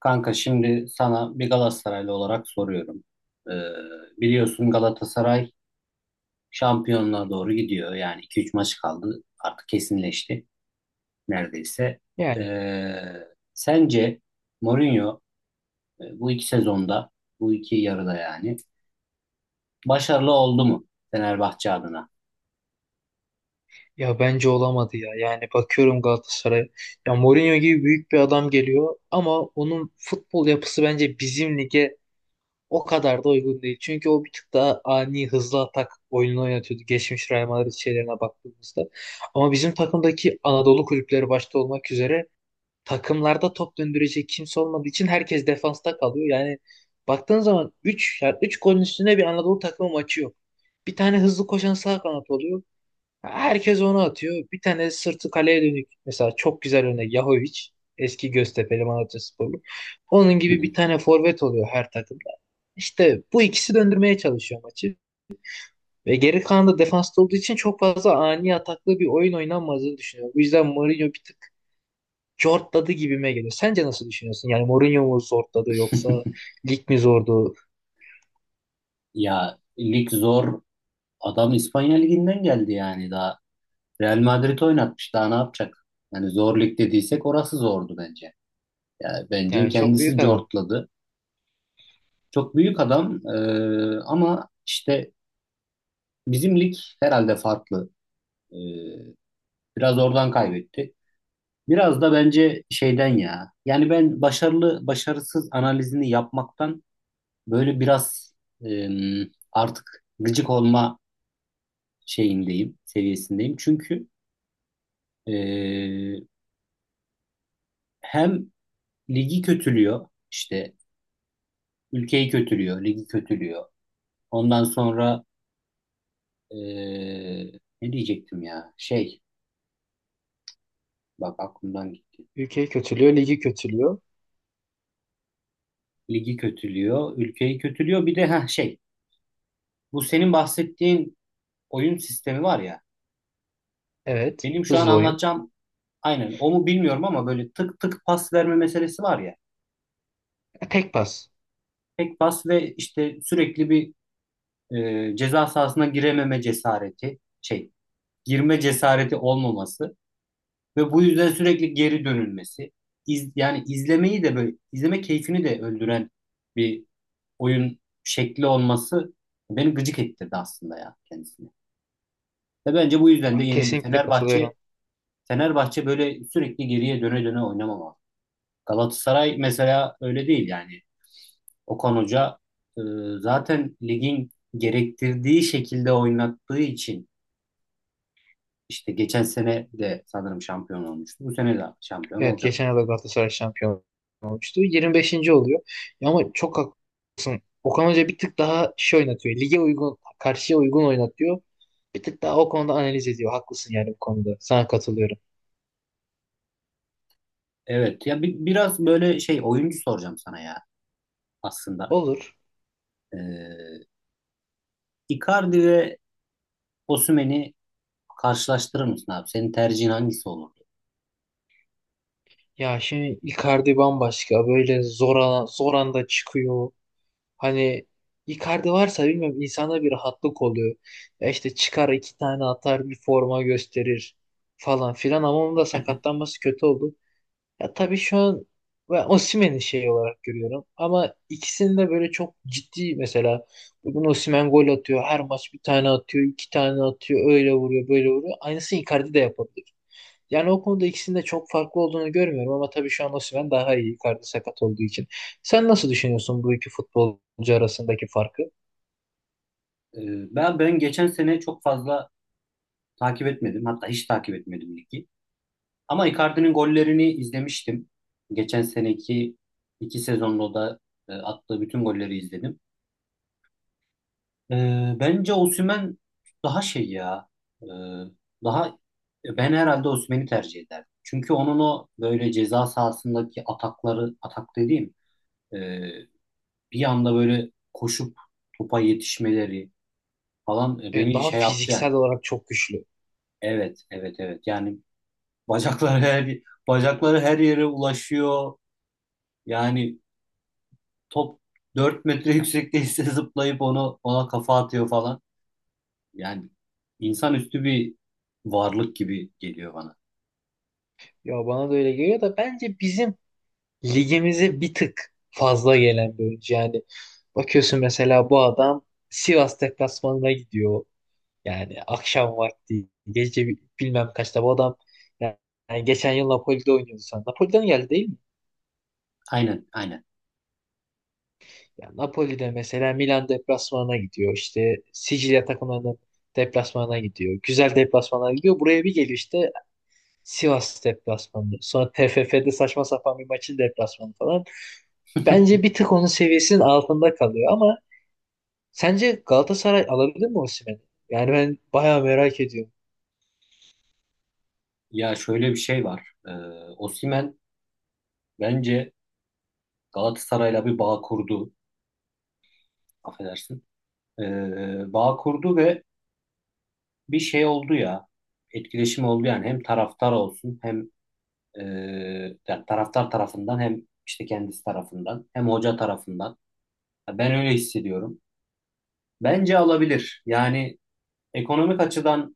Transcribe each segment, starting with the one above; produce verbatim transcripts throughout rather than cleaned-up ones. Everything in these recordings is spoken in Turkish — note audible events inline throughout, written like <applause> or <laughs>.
Kanka şimdi sana bir Galatasaraylı olarak soruyorum. Ee, Biliyorsun Galatasaray şampiyonluğa doğru gidiyor. Yani iki üç maç kaldı. Artık kesinleşti neredeyse. Yani Ee, Sence Mourinho e, bu iki sezonda, bu iki yarıda yani başarılı oldu mu Fenerbahçe adına? ya bence olamadı ya. Yani bakıyorum Galatasaray'a. Ya Mourinho gibi büyük bir adam geliyor ama onun futbol yapısı bence bizim lige o kadar da uygun değil. Çünkü o bir tık daha ani hızlı atak oyununu oynatıyordu. Geçmiş Real Madrid şeylerine baktığımızda. Ama bizim takımdaki Anadolu kulüpleri başta olmak üzere takımlarda top döndürecek kimse olmadığı için herkes defansta kalıyor. Yani baktığın zaman üç, yani üç golün üstüne bir Anadolu takımı maçı yok. Bir tane hızlı koşan sağ kanat oluyor. Herkes onu atıyor. Bir tane sırtı kaleye dönük. Mesela çok güzel örnek Yahovic. Eski Göztepe'li Malatyasporlu. Onun Hı gibi hı. bir tane forvet oluyor her takımda. İşte bu ikisi döndürmeye çalışıyor maçı. Ve geri kalan da defansta olduğu için çok fazla ani ataklı bir oyun oynanmadığını düşünüyorum. Bu yüzden Mourinho bir tık zortladı gibime geliyor. Sence nasıl düşünüyorsun? Yani Mourinho mu zortladı yoksa lig mi zordu? <laughs> Ya lig zor. Adam İspanya liginden geldi yani daha. Real Madrid oynatmış daha ne yapacak? Yani zor lig dediysek orası zordu bence. Yani bence Yani çok kendisi büyük adam. cortladı. Çok büyük adam e, ama işte bizim lig herhalde farklı. E, Biraz oradan kaybetti. Biraz da bence şeyden ya. Yani ben başarılı başarısız analizini yapmaktan böyle biraz e, artık gıcık olma şeyindeyim, seviyesindeyim. Çünkü e, hem ligi kötülüyor, işte ülkeyi kötülüyor, ligi kötülüyor. Ondan sonra Ee, ne diyecektim ya? Şey, bak aklımdan gitti. Ülkeyi kötülüyor, ligi kötülüyor. Ligi kötülüyor, ülkeyi kötülüyor. Bir de ha şey, bu senin bahsettiğin oyun sistemi var ya. Evet, Benim şu an hızlı oyun. anlatacağım aynen o mu bilmiyorum ama böyle tık tık pas verme meselesi var ya. E, Tek pas. Tek pas ve işte sürekli bir e, ceza sahasına girememe cesareti, şey, girme cesareti olmaması ve bu yüzden sürekli geri dönülmesi. İz, yani izlemeyi de böyle izleme keyfini de öldüren bir oyun şekli olması beni gıcık ettirdi aslında ya kendisini. Ve bence bu yüzden de yenildi. Kesinlikle katılıyorum. Fenerbahçe Fenerbahçe böyle sürekli geriye döne döne oynamamalı. Galatasaray mesela öyle değil yani. Okan Hoca e, zaten ligin gerektirdiği şekilde oynattığı için işte geçen sene de sanırım şampiyon olmuştu. Bu sene de şampiyon Evet olacak. geçen yıl da Galatasaray şampiyon olmuştu. yirmi beşinci oluyor. Ya ama çok haklısın. Okan Hoca bir tık daha şey oynatıyor. Lige uygun, karşıya uygun oynatıyor. Bir tık daha o konuda analiz ediyor. Haklısın yani bu konuda. Sana katılıyorum. Evet ya bi- biraz böyle şey oyuncu soracağım sana ya aslında. Olur. E, Icardi ve Osimhen'i karşılaştırır mısın abi? Senin tercihin hangisi olurdu? Ya şimdi Icardi bambaşka. Böyle zor, ana- zor anda çıkıyor. Hani Icardi varsa bilmiyorum insana bir rahatlık oluyor. Ya işte çıkar iki tane atar bir forma gösterir falan filan ama onun da sakatlanması kötü oldu. Ya tabii şu an ben Osimhen'i şey olarak görüyorum. Ama ikisini de böyle çok ciddi mesela. Bugün Osimhen gol atıyor. Her maç bir tane atıyor. İki tane atıyor. Öyle vuruyor böyle vuruyor. Aynısını Icardi de yapabilir. Yani o konuda ikisinin de çok farklı olduğunu görmüyorum. Ama tabii şu an Osimhen daha iyi. Icardi sakat olduğu için. Sen nasıl düşünüyorsun bu iki futbolcu arasındaki farkı? Ee, ben ben geçen sene çok fazla takip etmedim. Hatta hiç takip etmedim ligi. Ama Icardi'nin gollerini izlemiştim. Geçen seneki iki sezonda da e, attığı bütün golleri izledim. Ee, bence Osimhen daha şey ya. e, Daha ben herhalde Osimhen'i tercih ederdim. Çünkü onun o böyle ceza sahasındaki atakları, atak dediğim e, bir anda böyle koşup topa yetişmeleri falan e, Evet, beni daha şey yaptı yani. fiziksel olarak çok güçlü. Evet, evet, evet. Yani bacakları her bacakları her yere ulaşıyor. Yani top dört metre yüksekteyse <laughs> zıplayıp onu ona kafa atıyor falan. Yani insanüstü bir varlık gibi geliyor bana. Ya bana da öyle geliyor da bence bizim ligimize bir tık fazla gelen bir oyuncu. Yani bakıyorsun mesela bu adam Sivas deplasmanına gidiyor. Yani akşam vakti gece bi- bilmem kaçta bu adam yani yani geçen yıl Napoli'de oynuyordu sen. Napoli'den geldi değil mi? Aynen, aynen. Yani Napoli'de mesela Milan deplasmanına gidiyor. İşte Sicilya takımlarının deplasmanına gidiyor. Güzel deplasmanlara gidiyor. Buraya bir geliyor işte Sivas deplasmanı. Sonra T F F'de saçma sapan bir maçın deplasmanı falan. Bence bir tık onun seviyesinin altında kalıyor ama sence Galatasaray alabilir mi Osimhen'i? Yani ben bayağı merak ediyorum. Ya şöyle bir şey var. Ee, Osimhen bence Galatasaray'la bir bağ kurdu. Affedersin. Ee, bağ kurdu ve bir şey oldu ya. Etkileşim oldu yani hem taraftar olsun hem e, yani taraftar tarafından hem işte kendisi tarafından hem hoca tarafından. Ya Ben öyle hissediyorum. Bence alabilir. Yani ekonomik açıdan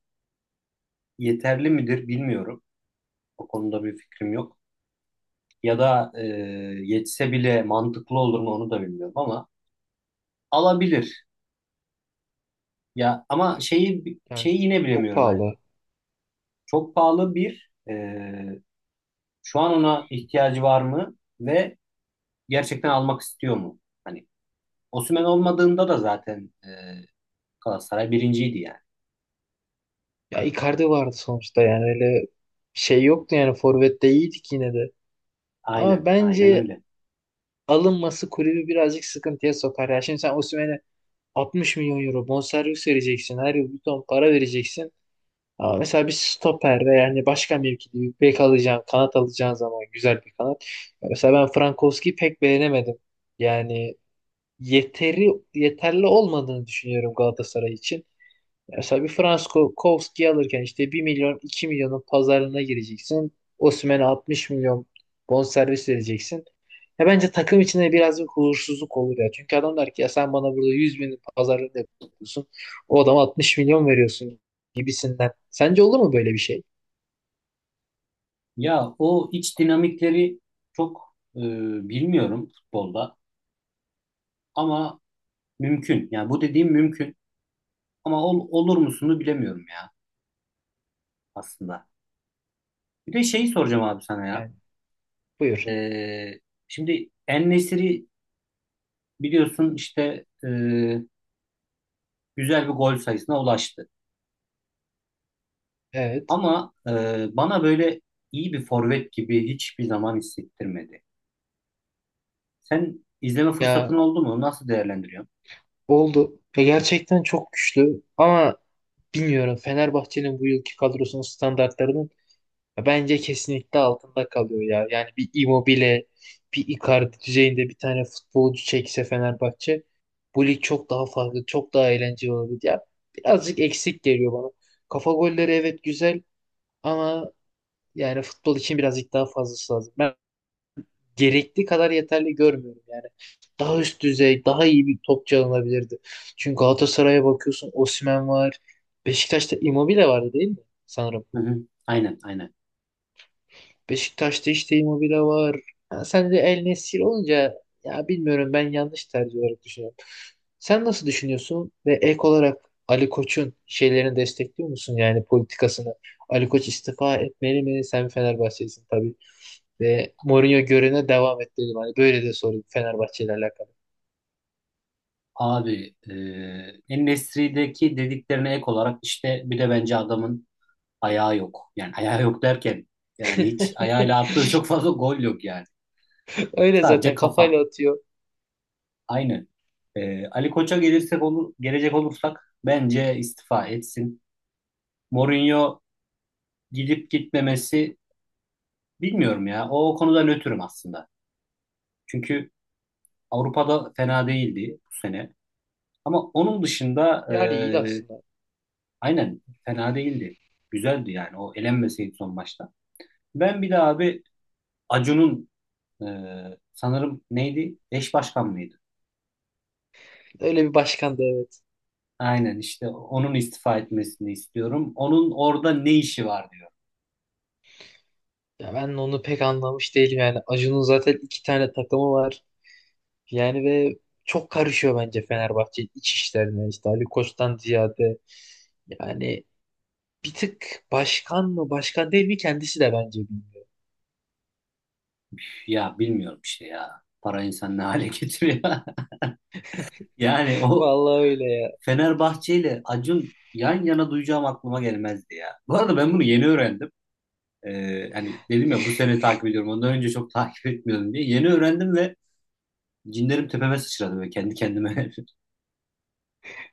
yeterli midir bilmiyorum. O konuda bir fikrim yok. Ya da e, yetse bile mantıklı olur mu onu da bilmiyorum ama alabilir. Ya ama şeyi Yani şeyi yine çok bilemiyorum. Hani pahalı. çok pahalı bir e, şu an ona ihtiyacı var mı? Ve gerçekten almak istiyor mu? Hani Osimhen olmadığında da zaten e, Galatasaray birinciydi yani. Ya Icardi vardı sonuçta yani öyle şey yoktu yani forvette iyiydik yine de. Ama Aynen, aynen bence öyle. alınması kulübü birazcık sıkıntıya sokar. Ya şimdi sen Osimhen'e altmış milyon euro bonservis vereceksin. Her yıl bir ton para vereceksin. Ama mesela bir stoper ve yani başka mevkide bir bek alacağın, kanat alacağın zaman güzel bir kanat. Ya mesela ben Frankowski'yi pek beğenemedim. Yani yeteri yeterli olmadığını düşünüyorum Galatasaray için. Mesela bir Frankowski alırken işte bir milyon iki milyonun pazarlığına gireceksin. Osimhen'e altmış milyon bonservis vereceksin. Ya bence takım içinde biraz bir huzursuzluk olur ya. Çünkü adam der ki ya sen bana burada yüz bin pazarlığını yapıyorsun. O adama altmış milyon veriyorsun gibisinden. Sence olur mu böyle bir şey? Ya o iç dinamikleri çok e, bilmiyorum futbolda ama mümkün. Yani bu dediğim mümkün ama ol- olur musunu bilemiyorum ya aslında. Bir de şeyi soracağım abi sana ya. Yani buyur. E, Şimdi En-Nesyri biliyorsun işte e, güzel bir gol sayısına ulaştı. Evet. Ama e, bana böyle iyi bir forvet gibi hiçbir zaman hissettirmedi. Sen izleme Ya fırsatın oldu mu? Nasıl değerlendiriyorsun? oldu. Ya gerçekten çok güçlü ama bilmiyorum Fenerbahçe'nin bu yılki kadrosunun standartlarının bence kesinlikle altında kalıyor ya. Yani bir Immobile, bir Icardi düzeyinde bir tane futbolcu çekse Fenerbahçe bu lig çok daha farklı, çok daha eğlenceli olabilir. Ya birazcık eksik geliyor bana. Kafa golleri evet güzel ama yani futbol için birazcık daha fazlası lazım, gerekli kadar yeterli görmüyorum yani. Daha üst düzey, daha iyi bir topçu alınabilirdi. Çünkü Galatasaray'a bakıyorsun Osimhen var. Beşiktaş'ta Immobile vardı değil mi? Sanırım. Hı hı. Aynen, aynen. Beşiktaş'ta işte Immobile var. Ha, sen de El Nesir olunca ya bilmiyorum ben yanlış tercih olarak düşünüyorum. Sen nasıl düşünüyorsun ve ek olarak Ali Koç'un şeylerini destekliyor musun yani politikasını? Ali Koç istifa etmeli mi? Sen Fenerbahçelisin tabii. Ve Mourinho görevine devam et dedim. Hani böyle de sorayım Fenerbahçe ile alakalı. Abi, e, En-Nesyri'deki dediklerine ek olarak işte bir de bence adamın ayağı yok. Yani ayağı yok derken yani hiç ayağıyla <laughs> attığı çok fazla gol yok yani. Öyle Sadece zaten kafa. kafayla atıyor. Aynen. E, Ali Koç'a gelirsek olur, gelecek olursak bence istifa etsin. Mourinho gidip gitmemesi, Bilmiyorum ya. O konuda nötrüm aslında. Çünkü Avrupa'da fena değildi bu sene. Ama onun dışında Yani iyi e, aslında. aynen fena değildi. Güzeldi yani. O elenmeseydi son maçta. Ben bir de abi Acun'un e, sanırım neydi? Eş başkan mıydı? Öyle bir başkan da evet. Aynen işte onun istifa etmesini istiyorum. Onun orada ne işi var diyor. Ya ben onu pek anlamış değilim yani. Acun'un zaten iki tane takımı var. Yani ve çok karışıyor bence Fenerbahçe iç işlerine. İşte Ali Koç'tan ziyade. Yani bir tık başkan mı başkan değil mi kendisi de bence bilmiyor. Ya bilmiyorum işte ya. Para insan ne hale getiriyor. <laughs> Yani o Vallahi öyle ya. Fenerbahçe ile Acun yan yana duyacağım aklıma gelmezdi ya. Bu arada ben bunu yeni öğrendim. Ee, hani dedim ya bu <laughs> sene takip ediyorum. Ondan önce çok <laughs> takip etmiyordum diye. Yeni öğrendim ve cinlerim tepeme sıçradı ve kendi kendime.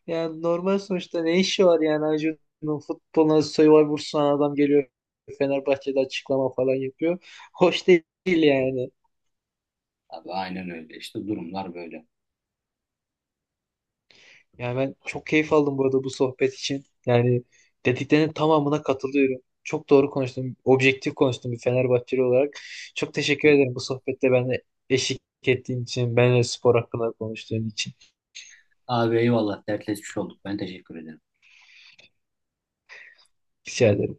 Yani normal sonuçta ne işi var yani Acun'un futboluna Survivor sunan adam geliyor Fenerbahçe'de açıklama falan yapıyor. Hoş değil yani. <laughs> Abi aynen öyle İşte durumlar böyle. Yani ben çok keyif aldım burada bu sohbet için. Yani dediklerinin tamamına katılıyorum. Çok doğru konuştun, objektif konuştun bir Fenerbahçeli olarak. Çok Hı teşekkür hı. ederim bu sohbette benimle eşlik ettiğin için, benimle spor hakkında konuştuğun için. Abi eyvallah dertleşmiş olduk. Ben teşekkür ederim. Rica ederim.